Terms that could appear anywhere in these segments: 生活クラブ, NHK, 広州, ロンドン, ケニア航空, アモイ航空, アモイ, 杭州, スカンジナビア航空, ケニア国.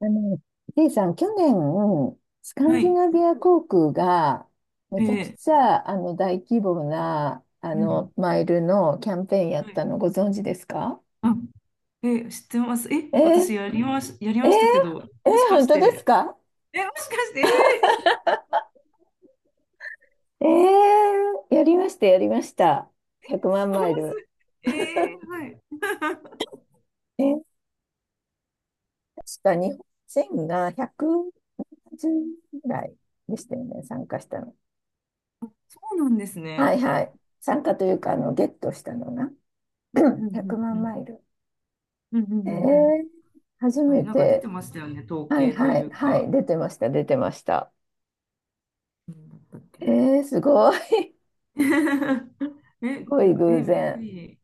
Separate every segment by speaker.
Speaker 1: あの、せイさん、去年、スカン
Speaker 2: は
Speaker 1: ジ
Speaker 2: い。
Speaker 1: ナビア航空が、めちゃく
Speaker 2: ええ、
Speaker 1: ちゃ、大規模な、
Speaker 2: うん。
Speaker 1: マイルのキャンペーンやっ
Speaker 2: はい。
Speaker 1: たのご存知ですか？
Speaker 2: あ、ええ、知ってます。え、
Speaker 1: えー、
Speaker 2: 私やり
Speaker 1: えー、
Speaker 2: ましたけど、
Speaker 1: え
Speaker 2: もしか
Speaker 1: 本
Speaker 2: し
Speaker 1: 当です
Speaker 2: て、
Speaker 1: か？
Speaker 2: え、もしかして、ええ
Speaker 1: やりました、やりました。100万
Speaker 2: そ
Speaker 1: マイ
Speaker 2: う
Speaker 1: ル。
Speaker 2: すえー、はい。
Speaker 1: えー、確か日本人が110ぐらいでしたよね、参加したの。
Speaker 2: そうなんです
Speaker 1: は
Speaker 2: ね。
Speaker 1: いはい。参加というか、ゲットしたのが
Speaker 2: うん う
Speaker 1: 100
Speaker 2: んうんう
Speaker 1: 万
Speaker 2: ん。
Speaker 1: マイル。
Speaker 2: うんうんう
Speaker 1: え
Speaker 2: んうん。
Speaker 1: ー初
Speaker 2: 確か
Speaker 1: め
Speaker 2: になんか出て
Speaker 1: て、
Speaker 2: ましたよね、統
Speaker 1: はい
Speaker 2: 計と
Speaker 1: は
Speaker 2: い
Speaker 1: い
Speaker 2: う
Speaker 1: はい、
Speaker 2: か。
Speaker 1: 出てました、出てました。
Speaker 2: なんだったっけ
Speaker 1: えすごい、す
Speaker 2: な。え、
Speaker 1: ご
Speaker 2: で
Speaker 1: い
Speaker 2: も
Speaker 1: 偶
Speaker 2: びっく
Speaker 1: 然。
Speaker 2: り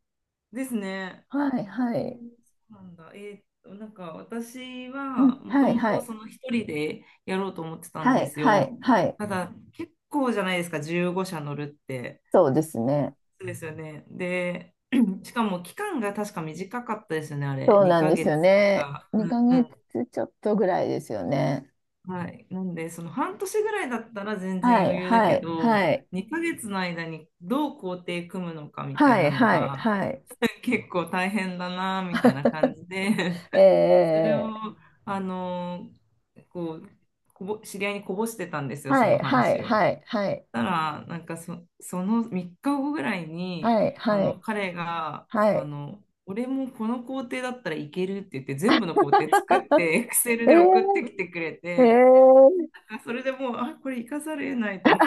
Speaker 2: ですね。
Speaker 1: はいは
Speaker 2: え
Speaker 1: い、
Speaker 2: ーそうなんだ。なんか私
Speaker 1: う
Speaker 2: は
Speaker 1: ん
Speaker 2: もと
Speaker 1: はい
Speaker 2: も
Speaker 1: は
Speaker 2: と
Speaker 1: い
Speaker 2: その一人でやろうと思ってたん
Speaker 1: は
Speaker 2: で
Speaker 1: い
Speaker 2: す
Speaker 1: はい
Speaker 2: よ。
Speaker 1: はい、
Speaker 2: ただ結構じゃないですか、15社乗るって。
Speaker 1: そうですね。
Speaker 2: そうですよね。で、しかも期間が確か短かったですよね、あれ。
Speaker 1: そうなん
Speaker 2: 2
Speaker 1: です
Speaker 2: ヶ
Speaker 1: よ
Speaker 2: 月と
Speaker 1: ね。
Speaker 2: か。うん
Speaker 1: 2
Speaker 2: う
Speaker 1: ヶ
Speaker 2: ん。
Speaker 1: 月ちょっとぐらいですよね。
Speaker 2: はい。なんで、その半年ぐらいだったら全然
Speaker 1: はい
Speaker 2: 余裕だ
Speaker 1: は
Speaker 2: け
Speaker 1: い
Speaker 2: ど、
Speaker 1: はい
Speaker 2: 2ヶ月の間にどう工程組むのかみたい
Speaker 1: はい
Speaker 2: なの
Speaker 1: はい
Speaker 2: が
Speaker 1: はい。
Speaker 2: 結構大変だなみたいな感 じで、それを、
Speaker 1: えー、
Speaker 2: あの、こう、知り合いにこぼしてたんですよ、
Speaker 1: は
Speaker 2: そ
Speaker 1: い
Speaker 2: の
Speaker 1: はい
Speaker 2: 話を。
Speaker 1: はいはい
Speaker 2: たら、なんかその3日後ぐらいに、
Speaker 1: はいはい
Speaker 2: 彼が、
Speaker 1: はい。
Speaker 2: 俺もこの工程だったらいけるって言って、全部の工程 作って、エクセル
Speaker 1: え
Speaker 2: で送ってきてくれ
Speaker 1: ー、え
Speaker 2: て、
Speaker 1: ー、
Speaker 2: それでもう、あ、これ生かされないと思う。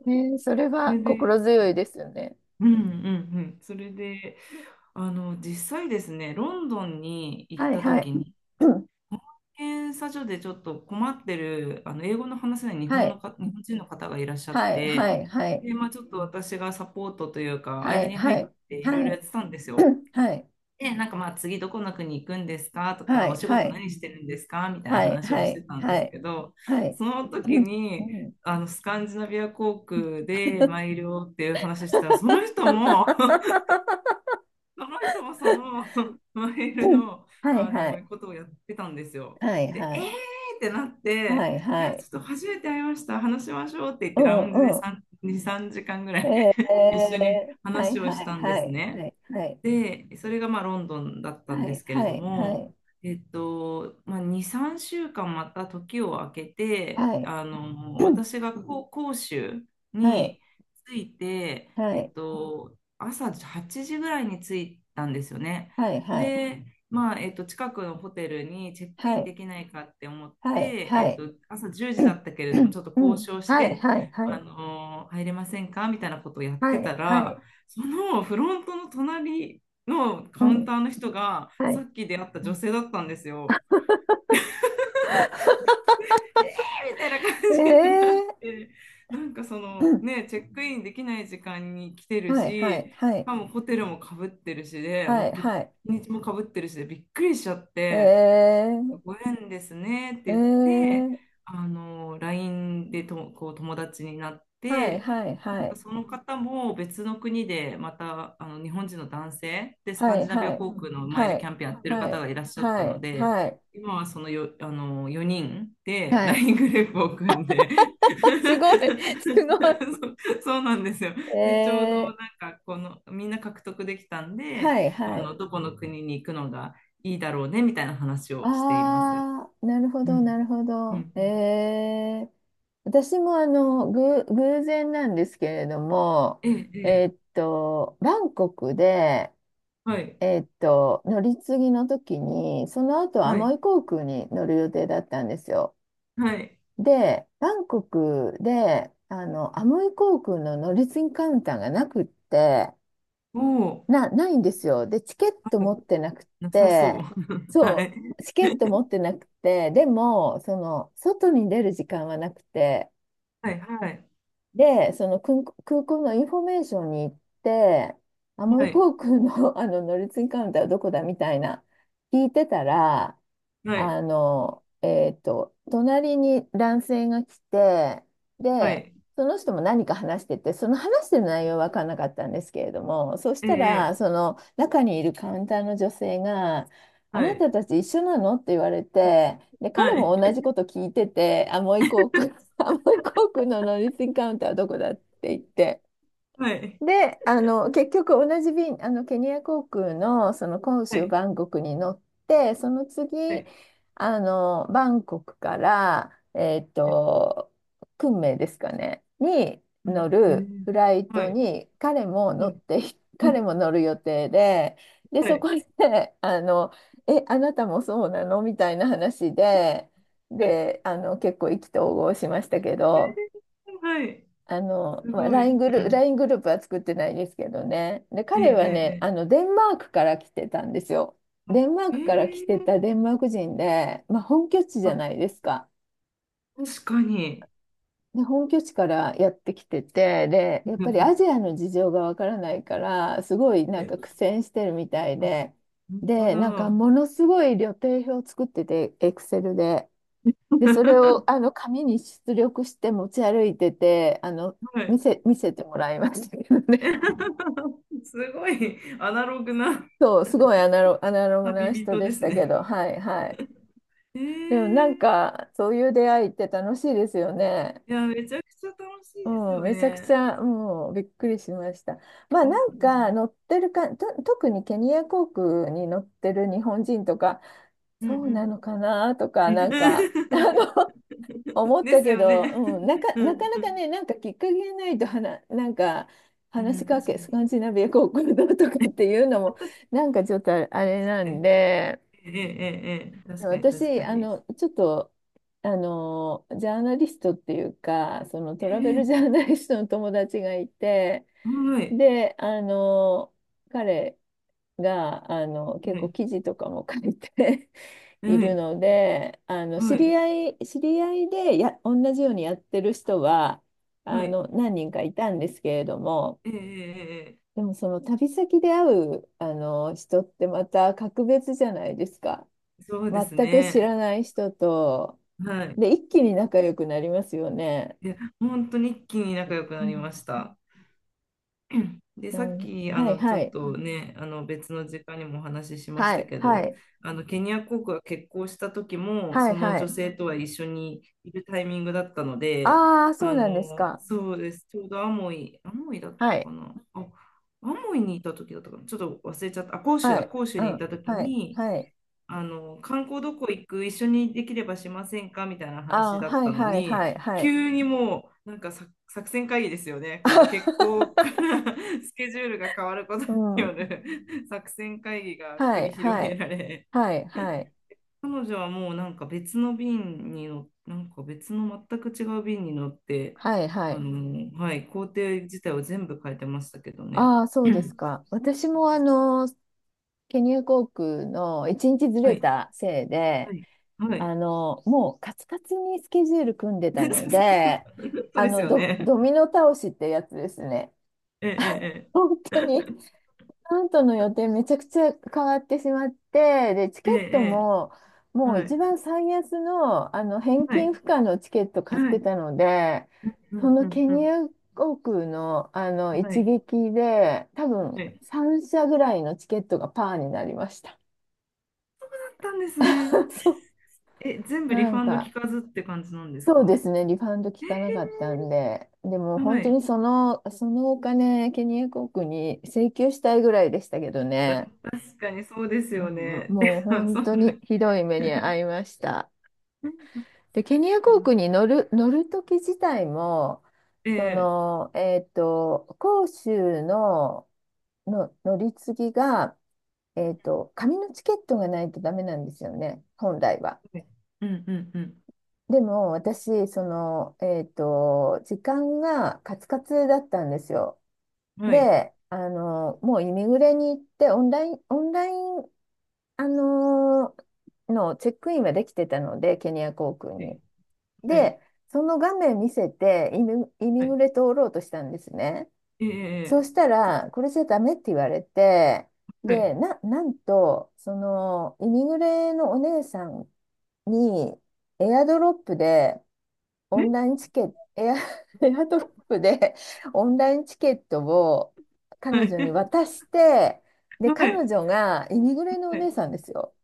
Speaker 1: それ
Speaker 2: そ
Speaker 1: は
Speaker 2: れで、
Speaker 1: 心強いですよね。
Speaker 2: うんうんうん。それで、実際ですね、ロンドンに行っ
Speaker 1: はい
Speaker 2: た
Speaker 1: は
Speaker 2: 時
Speaker 1: い。
Speaker 2: に、
Speaker 1: うん
Speaker 2: 検査所でちょっと困ってる、英語の話せない
Speaker 1: はい
Speaker 2: 日本人の方がいらっしゃっ
Speaker 1: はい
Speaker 2: て、
Speaker 1: はいはい
Speaker 2: で、まあ、ちょっと私がサポートというか、
Speaker 1: は
Speaker 2: 間
Speaker 1: い
Speaker 2: に入
Speaker 1: は
Speaker 2: っ
Speaker 1: い
Speaker 2: ていろいろ
Speaker 1: は
Speaker 2: やっ
Speaker 1: い
Speaker 2: てたんですよ。
Speaker 1: はい
Speaker 2: で、なんかまあ次どこの国行くんですかと
Speaker 1: は
Speaker 2: か、お
Speaker 1: い
Speaker 2: 仕
Speaker 1: は
Speaker 2: 事
Speaker 1: い
Speaker 2: 何してるんですかみたいな
Speaker 1: はい
Speaker 2: 話を
Speaker 1: は
Speaker 2: して
Speaker 1: い
Speaker 2: たんで
Speaker 1: は
Speaker 2: す
Speaker 1: い
Speaker 2: けど、
Speaker 1: はい
Speaker 2: その
Speaker 1: う
Speaker 2: 時
Speaker 1: んう
Speaker 2: に、
Speaker 1: ん
Speaker 2: あのスカンジナビア航空でマイルをっていう話したら、その人も その人もその マイル
Speaker 1: うん
Speaker 2: の、
Speaker 1: はい
Speaker 2: あ
Speaker 1: は
Speaker 2: の
Speaker 1: い
Speaker 2: ことをやってたんですよ。
Speaker 1: はい
Speaker 2: で、
Speaker 1: は
Speaker 2: えー
Speaker 1: い
Speaker 2: ってなっ
Speaker 1: は
Speaker 2: て、
Speaker 1: い
Speaker 2: い
Speaker 1: は
Speaker 2: や、ち
Speaker 1: い
Speaker 2: ょっと初めて会いました、話しましょうって言っ
Speaker 1: う
Speaker 2: て、
Speaker 1: ん
Speaker 2: ラウンジで
Speaker 1: う
Speaker 2: 3、2、3時間ぐら
Speaker 1: ん
Speaker 2: い 一緒に
Speaker 1: はい
Speaker 2: 話を
Speaker 1: は
Speaker 2: し
Speaker 1: い
Speaker 2: たんで
Speaker 1: は
Speaker 2: す
Speaker 1: いは
Speaker 2: ね。
Speaker 1: いはい
Speaker 2: で、それがまあロンドンだったん
Speaker 1: は
Speaker 2: で
Speaker 1: い
Speaker 2: すけれ
Speaker 1: は
Speaker 2: ど
Speaker 1: いは
Speaker 2: も、
Speaker 1: い
Speaker 2: まあ、2、3週間また時を空けて、
Speaker 1: はい
Speaker 2: 私が杭州
Speaker 1: はいはい
Speaker 2: に着いて、
Speaker 1: はい
Speaker 2: 朝8時ぐらいに着いたんですよね。
Speaker 1: はいはい
Speaker 2: で、まあ、近くのホテルにチェック
Speaker 1: は
Speaker 2: イン
Speaker 1: い
Speaker 2: できないかって思っ
Speaker 1: はい
Speaker 2: て、
Speaker 1: はいはい
Speaker 2: 朝10時だったけれども、ちょっと交渉し
Speaker 1: はい
Speaker 2: て、
Speaker 1: はいはい
Speaker 2: 入れませんかみたいなことをやっ
Speaker 1: は
Speaker 2: てた
Speaker 1: い、は
Speaker 2: ら、
Speaker 1: い、
Speaker 2: そのフロントの隣の
Speaker 1: う
Speaker 2: カウン
Speaker 1: ん、
Speaker 2: ターの人が
Speaker 1: は
Speaker 2: さ
Speaker 1: い。
Speaker 2: っき出会った
Speaker 1: う
Speaker 2: 女
Speaker 1: ん
Speaker 2: 性だったんですよ。えーみたいな感じになっ
Speaker 1: ええ
Speaker 2: て、なんかそ
Speaker 1: う
Speaker 2: の
Speaker 1: ん
Speaker 2: ね、チェックインできない時間に来てるし、
Speaker 1: はい、はい、は
Speaker 2: し
Speaker 1: い、
Speaker 2: かもホテルもかぶってるし、で
Speaker 1: は
Speaker 2: もう
Speaker 1: い、はい。
Speaker 2: 日にちもかぶってるし、でびっくりしちゃって、
Speaker 1: ええ
Speaker 2: ご縁ですねって言って、
Speaker 1: ええ
Speaker 2: LINE でこう友達になっ
Speaker 1: はい、
Speaker 2: て、
Speaker 1: はい、
Speaker 2: な
Speaker 1: は
Speaker 2: んか
Speaker 1: い、
Speaker 2: その方も別の国でまたあの日本人の男性でス
Speaker 1: は
Speaker 2: カン
Speaker 1: い、
Speaker 2: ジナビ
Speaker 1: は
Speaker 2: ア
Speaker 1: い、
Speaker 2: 航空のマイ
Speaker 1: は
Speaker 2: ルキ
Speaker 1: い、
Speaker 2: ャンペーンやってる
Speaker 1: は
Speaker 2: 方が
Speaker 1: い、
Speaker 2: いらっしゃっ
Speaker 1: は
Speaker 2: たの
Speaker 1: い、
Speaker 2: で、
Speaker 1: はい、
Speaker 2: 今はそのよ、あの4人で
Speaker 1: はい。
Speaker 2: LINE グループを組んで
Speaker 1: すごい、すご い。
Speaker 2: そう、そうなんですよ。で、ちょうど
Speaker 1: え
Speaker 2: なん
Speaker 1: え
Speaker 2: かこのみんな獲得できたんで、
Speaker 1: はい、は
Speaker 2: あ
Speaker 1: い。
Speaker 2: のどこの国に行くのがいいだろうねみたいな話をしています。
Speaker 1: ああ、なるほ
Speaker 2: うん。
Speaker 1: ど、なるほ
Speaker 2: うんう
Speaker 1: ど。え
Speaker 2: ん。
Speaker 1: え私も偶然なんですけれども、
Speaker 2: ええ、ええ。
Speaker 1: バンコクで、
Speaker 2: はい、
Speaker 1: 乗り継ぎの時に、その後ア
Speaker 2: は
Speaker 1: モ
Speaker 2: い、
Speaker 1: イ航空に乗る予定だったんですよ。
Speaker 2: はい。
Speaker 1: で、バンコクで、アモイ航空の乗り継ぎカウンターがなくって、
Speaker 2: おお、
Speaker 1: ないんですよ。で、チケット
Speaker 2: はい、
Speaker 1: 持ってなくっ
Speaker 2: なさそう。
Speaker 1: て、
Speaker 2: は
Speaker 1: そ
Speaker 2: い、
Speaker 1: う、チケット持ってなくて、でも、外に出る時間はなくて、
Speaker 2: はい、はい、
Speaker 1: で、その空港のインフォメーションに行って、アモ
Speaker 2: は
Speaker 1: イ
Speaker 2: い、
Speaker 1: 航空の、あの乗り継ぎカウンターはどこだみたいな聞いてたら、
Speaker 2: はい、
Speaker 1: 隣に男性が来て、
Speaker 2: は
Speaker 1: で、
Speaker 2: い。
Speaker 1: その人も何か話してて、その話してる内容は分からなかったんですけれども、そし
Speaker 2: え
Speaker 1: た
Speaker 2: え、
Speaker 1: ら、
Speaker 2: ええ。
Speaker 1: その中にいるカウンターの女性が、あ
Speaker 2: は
Speaker 1: な
Speaker 2: い、
Speaker 1: たたち一緒なのって言われて、で、
Speaker 2: は
Speaker 1: 彼も同
Speaker 2: い、
Speaker 1: じこと聞いてて、アモイ航空、アモイ航のノリスンカウンターはどこだって言って、
Speaker 2: はい、
Speaker 1: で、結局同じ便、ケニア航空のその杭
Speaker 2: は
Speaker 1: 州
Speaker 2: い、
Speaker 1: バンコクに乗って、その
Speaker 2: は
Speaker 1: 次、
Speaker 2: い、
Speaker 1: バンコクから、
Speaker 2: はい。
Speaker 1: 昆明ですかね、に
Speaker 2: う
Speaker 1: 乗
Speaker 2: ん、へ
Speaker 1: る
Speaker 2: え。
Speaker 1: フライ
Speaker 2: は
Speaker 1: ト
Speaker 2: い、
Speaker 1: に彼も乗
Speaker 2: は
Speaker 1: っ
Speaker 2: い。
Speaker 1: て、
Speaker 2: うん、
Speaker 1: 彼も乗る予定で、で、
Speaker 2: は
Speaker 1: そ
Speaker 2: い、
Speaker 1: こで、あなたもそうなのみたいな話で、
Speaker 2: はい、
Speaker 1: で、結構意気投合しましたけど、
Speaker 2: はい。す
Speaker 1: まあ、
Speaker 2: ごい。
Speaker 1: LINE
Speaker 2: う
Speaker 1: グループ、
Speaker 2: ん、
Speaker 1: ライングループは作ってないですけどね。で、
Speaker 2: ええ、
Speaker 1: 彼
Speaker 2: え
Speaker 1: は
Speaker 2: え、
Speaker 1: ね、
Speaker 2: ええ。
Speaker 1: デンマークから来てたんですよ。
Speaker 2: あ、
Speaker 1: デンマー
Speaker 2: へ
Speaker 1: クから来
Speaker 2: え。
Speaker 1: てたデンマーク人で、まあ、本拠地じゃ
Speaker 2: あ、
Speaker 1: ないですか。
Speaker 2: 確かに。
Speaker 1: で、本拠地からやってきてて、で、やっぱりアジ アの事情がわからないから、すごいなんか
Speaker 2: え、
Speaker 1: 苦戦してるみたいで、
Speaker 2: 本当
Speaker 1: で、なんか
Speaker 2: だ。
Speaker 1: ものすごい旅程表を作ってて、エクセルで。で、それをあ の紙に出力して持ち歩いてて、
Speaker 2: はい。
Speaker 1: 見せてもらいましたけどね。
Speaker 2: すごいアナログな。
Speaker 1: そう、すごいアナ ログ
Speaker 2: 旅
Speaker 1: な人
Speaker 2: 人
Speaker 1: で
Speaker 2: で
Speaker 1: し
Speaker 2: す
Speaker 1: たけ
Speaker 2: ね。
Speaker 1: ど、はいはい。
Speaker 2: えー、
Speaker 1: でもなんか、そういう出会いって楽しいですよね。
Speaker 2: いや、めちゃくちゃ楽しいです
Speaker 1: うん、
Speaker 2: よ
Speaker 1: めちゃくち
Speaker 2: ね。
Speaker 1: ゃ、もうびっくりしました。まあ
Speaker 2: う
Speaker 1: なん
Speaker 2: ん
Speaker 1: か、乗ってるか、と、特にケニア航空に乗ってる日本人とか、
Speaker 2: うんう
Speaker 1: そうな
Speaker 2: ん
Speaker 1: のかなとか、
Speaker 2: うん。
Speaker 1: なんか、の、思った
Speaker 2: です
Speaker 1: け
Speaker 2: よ
Speaker 1: ど、
Speaker 2: ね。
Speaker 1: うん、
Speaker 2: う
Speaker 1: なか
Speaker 2: ん
Speaker 1: なか
Speaker 2: う
Speaker 1: ね、なんかきっかけがないとはな、なんか、
Speaker 2: ん、
Speaker 1: 話
Speaker 2: う
Speaker 1: し
Speaker 2: ん、
Speaker 1: か
Speaker 2: 確
Speaker 1: け、
Speaker 2: か
Speaker 1: スカ
Speaker 2: に。
Speaker 1: ンジナビア航空だとかっていうのも、なんかちょっとあれな
Speaker 2: え
Speaker 1: んで、
Speaker 2: えええええ、確かに、確
Speaker 1: 私、
Speaker 2: か
Speaker 1: あ
Speaker 2: に。
Speaker 1: の、ちょっと、あの、ジャーナリストっていうか、そのトラベル
Speaker 2: え
Speaker 1: ジ
Speaker 2: え、
Speaker 1: ャーナリストの友達がいて、
Speaker 2: はい、
Speaker 1: で、彼が、結
Speaker 2: は
Speaker 1: 構
Speaker 2: い、
Speaker 1: 記事とかも書いて い
Speaker 2: は
Speaker 1: る
Speaker 2: い、
Speaker 1: ので、あの、
Speaker 2: は
Speaker 1: 知
Speaker 2: い、
Speaker 1: り合い、知り合いでや、同じようにやってる人は、
Speaker 2: はい。
Speaker 1: 何人かいたんですけれども、
Speaker 2: えええええ
Speaker 1: でもその旅先で会う、人ってまた格別じゃないですか。
Speaker 2: え、そうです
Speaker 1: 全く知
Speaker 2: ね。
Speaker 1: らない人と、
Speaker 2: はい。
Speaker 1: で、一気に仲良くなりますよね。
Speaker 2: いや、本当に一気に仲良く
Speaker 1: う
Speaker 2: なり
Speaker 1: ん。
Speaker 2: ました。で、
Speaker 1: な
Speaker 2: さっ
Speaker 1: ん、
Speaker 2: き、
Speaker 1: はい
Speaker 2: ち
Speaker 1: は
Speaker 2: ょっ
Speaker 1: い。
Speaker 2: とね、別の時間にもお話ししまし
Speaker 1: は
Speaker 2: た
Speaker 1: い、
Speaker 2: け
Speaker 1: は
Speaker 2: ど、
Speaker 1: い。
Speaker 2: ケニア国が結婚した時も、
Speaker 1: は
Speaker 2: そ
Speaker 1: い、
Speaker 2: の
Speaker 1: は
Speaker 2: 女
Speaker 1: い。
Speaker 2: 性とは一緒にいるタイミングだったので、
Speaker 1: ああ、そうなんですか。
Speaker 2: そうです。ちょうどアモイだっ
Speaker 1: は
Speaker 2: たか
Speaker 1: い、
Speaker 2: な。あ、アモイにいた時だったかな。ちょっと忘れちゃった。あ、広州
Speaker 1: は
Speaker 2: だ、
Speaker 1: い。
Speaker 2: 広州
Speaker 1: う
Speaker 2: にい
Speaker 1: ん、
Speaker 2: た時
Speaker 1: はい、
Speaker 2: に、
Speaker 1: はい。
Speaker 2: 観光どこ行く、一緒にできればしませんかみたいな
Speaker 1: あ
Speaker 2: 話
Speaker 1: あ、
Speaker 2: だっ
Speaker 1: はい、
Speaker 2: たの
Speaker 1: はい、
Speaker 2: に、
Speaker 1: はい、はい。
Speaker 2: 急にもう、なんかさ作戦会議ですよね。この決行か ら スケジュールが変わることに
Speaker 1: う
Speaker 2: よ
Speaker 1: ん。
Speaker 2: る 作戦会議が
Speaker 1: は
Speaker 2: 繰り
Speaker 1: い、
Speaker 2: 広
Speaker 1: は
Speaker 2: げ
Speaker 1: い。
Speaker 2: られ、
Speaker 1: はい、はい。
Speaker 2: 彼女はもうなんか別の便になんか別の全く違う便に乗って、
Speaker 1: はい、はい。
Speaker 2: はい、工程自体を全部変えてましたけどね。
Speaker 1: ああ、そうで すか。私もケニア航空の一日ず
Speaker 2: は
Speaker 1: れ
Speaker 2: い、
Speaker 1: たせい
Speaker 2: は
Speaker 1: で、
Speaker 2: い、はい、はい。
Speaker 1: もうカツカツにスケジュール組んでたので、
Speaker 2: そうですよね。
Speaker 1: ドミノ倒しってやつですね。
Speaker 2: え え
Speaker 1: 本
Speaker 2: え
Speaker 1: 当に、
Speaker 2: え
Speaker 1: カントの予定めちゃくちゃ変わってしまって、で、チ
Speaker 2: え
Speaker 1: ケ
Speaker 2: え
Speaker 1: ット
Speaker 2: え
Speaker 1: も、
Speaker 2: え。
Speaker 1: もう
Speaker 2: は
Speaker 1: 一
Speaker 2: い。
Speaker 1: 番最安の、返
Speaker 2: はい。
Speaker 1: 金不可のチケット買っ
Speaker 2: は
Speaker 1: て
Speaker 2: い。
Speaker 1: たので、
Speaker 2: う
Speaker 1: そ
Speaker 2: んう
Speaker 1: の
Speaker 2: ん
Speaker 1: ケ
Speaker 2: う
Speaker 1: ニ
Speaker 2: ん。
Speaker 1: ア航空の、
Speaker 2: は
Speaker 1: 一
Speaker 2: い。
Speaker 1: 撃で、多
Speaker 2: は
Speaker 1: 分
Speaker 2: い。
Speaker 1: 3社ぐらいのチケットがパーになりました。
Speaker 2: だったんですね。
Speaker 1: そう、
Speaker 2: え、全部リ
Speaker 1: な
Speaker 2: フ
Speaker 1: ん
Speaker 2: ァンド聞
Speaker 1: か、
Speaker 2: かずって感じなんです
Speaker 1: そうで
Speaker 2: か？
Speaker 1: すね、リファウンド効かなかったんで、でも
Speaker 2: は
Speaker 1: 本当
Speaker 2: い。
Speaker 1: にそのお金、ケニア国に請求したいぐらいでしたけどね、
Speaker 2: 確かにそうです
Speaker 1: う
Speaker 2: よ
Speaker 1: んうん、
Speaker 2: ね。
Speaker 1: もう 本
Speaker 2: そん
Speaker 1: 当に
Speaker 2: な。
Speaker 1: ひどい目に遭いました。で、ケニア航空に乗る時自体も、
Speaker 2: ええ、
Speaker 1: 杭州の、乗り継ぎが、紙のチケットがないとダメなんですよね、本来は。
Speaker 2: はい。うんうん
Speaker 1: でも私、時間がカツカツだったんですよ。
Speaker 2: うん。はい。
Speaker 1: で、もうイミグレに行って、オンライン、あの、のチェックインはできてたので、ケニア航空
Speaker 2: え
Speaker 1: に。
Speaker 2: はい。
Speaker 1: で、その画面見せて、イミ
Speaker 2: はい。
Speaker 1: グレ通ろうとしたんですね。そ
Speaker 2: え
Speaker 1: う
Speaker 2: え、
Speaker 1: したら、これじゃダメって言われて、
Speaker 2: は
Speaker 1: で、
Speaker 2: い。
Speaker 1: なんと、イミグレのお姉さんに、エアドロップで、オン
Speaker 2: ね、
Speaker 1: ラインチケット、エア、エアドロップでオンラインチケットを彼
Speaker 2: は
Speaker 1: 女に
Speaker 2: い。
Speaker 1: 渡して、で、
Speaker 2: は
Speaker 1: 彼
Speaker 2: い。
Speaker 1: 女が、イミグレのお姉さんですよ。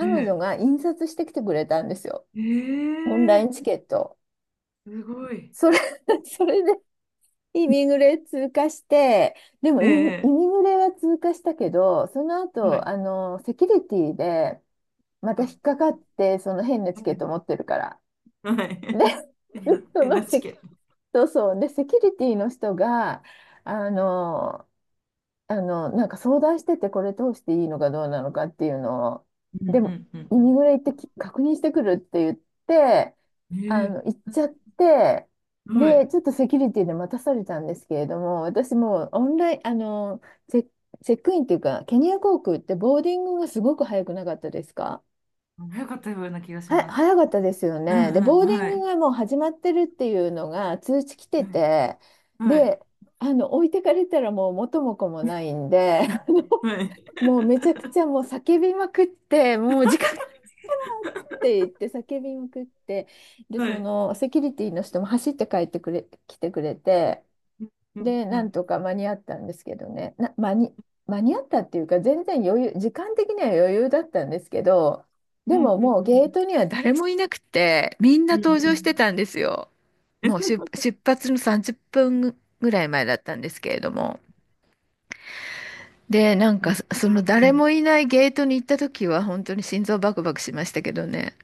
Speaker 2: は
Speaker 1: 女
Speaker 2: い。
Speaker 1: が印刷してきてくれたんですよ。
Speaker 2: え
Speaker 1: オンライ
Speaker 2: え
Speaker 1: ンチ
Speaker 2: ええ、
Speaker 1: ケット。
Speaker 2: すごい。
Speaker 1: それ、それでイミグレ通過して、でもイ
Speaker 2: ええ、
Speaker 1: ミグレは通過したけど、その
Speaker 2: は
Speaker 1: 後、
Speaker 2: い。
Speaker 1: セキュリティでまた引っかかって、その変なチ
Speaker 2: は
Speaker 1: ケッ
Speaker 2: い。
Speaker 1: ト持ってるから。
Speaker 2: はい。
Speaker 1: で、
Speaker 2: うえな、
Speaker 1: そのセキ
Speaker 2: NHK。
Speaker 1: そうそう。で、セキュリティの人が、あの、なんか相談してて、これ通していいのかどうなのかっていうのを、
Speaker 2: うんう
Speaker 1: でも、
Speaker 2: んう
Speaker 1: イミ
Speaker 2: ん
Speaker 1: グレ行ってき確認してくるって言って、
Speaker 2: うん、え
Speaker 1: 行
Speaker 2: え、
Speaker 1: っちゃって、
Speaker 2: うん、は
Speaker 1: で、
Speaker 2: い。
Speaker 1: ちょっとセキュリティで待たされたんですけれども、私もうオンライン、あの、チェ、チェックインっていうか、ケニア航空ってボーディングがすごく早くなかったですか？
Speaker 2: 早かったような気がします。
Speaker 1: 早かったですよ
Speaker 2: うんう
Speaker 1: ね。で、
Speaker 2: ん、
Speaker 1: ボーディン
Speaker 2: は
Speaker 1: グ
Speaker 2: い。
Speaker 1: がもう始まってるっていうのが通知来て
Speaker 2: はい。
Speaker 1: て、
Speaker 2: はい。
Speaker 1: で、置いてかれたらもう元も子もないんで、
Speaker 2: はい。
Speaker 1: もうめちゃくち ゃもう叫びまくって、もう時間がって言って叫びまくって、で、
Speaker 2: は
Speaker 1: そ
Speaker 2: い、
Speaker 1: のセキュリティの人も走って帰ってくれ、来てくれ
Speaker 2: うん
Speaker 1: て、
Speaker 2: うん
Speaker 1: で、
Speaker 2: う
Speaker 1: なん
Speaker 2: ん
Speaker 1: とか間に合ったんですけどね、な、間に、間に合ったっていうか、全然余裕、時間的には余裕だったんですけど、
Speaker 2: う
Speaker 1: で
Speaker 2: んう
Speaker 1: も
Speaker 2: ん
Speaker 1: もう
Speaker 2: う
Speaker 1: ゲー
Speaker 2: ん
Speaker 1: トには誰もいなくて、みんな
Speaker 2: うんう
Speaker 1: 登
Speaker 2: んう
Speaker 1: 場して
Speaker 2: ん。
Speaker 1: たんですよ。もう出、出発の30分ぐらい前だったんですけれども。で、なん
Speaker 2: い
Speaker 1: か、
Speaker 2: や、
Speaker 1: そ
Speaker 2: ほ
Speaker 1: の
Speaker 2: ら、う
Speaker 1: 誰
Speaker 2: ん。
Speaker 1: もいないゲートに行った時は、本当に心臓バクバクしましたけどね。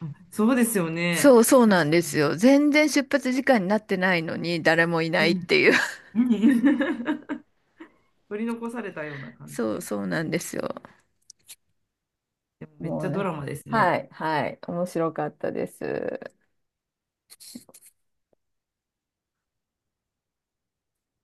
Speaker 2: あ、そうですよ
Speaker 1: そ
Speaker 2: ね。
Speaker 1: うそう
Speaker 2: 確
Speaker 1: なんで
Speaker 2: か
Speaker 1: す
Speaker 2: に。
Speaker 1: よ。全然出発時間になってないのに、誰もいな
Speaker 2: う
Speaker 1: いっ
Speaker 2: ん。
Speaker 1: ていう。
Speaker 2: うん うん、取り残されたような 感じ
Speaker 1: そう
Speaker 2: で。
Speaker 1: そうなんですよ。
Speaker 2: でもめっ
Speaker 1: も
Speaker 2: ち
Speaker 1: う
Speaker 2: ゃド
Speaker 1: ね、
Speaker 2: ラマですね。
Speaker 1: はい、はい、面白かったです。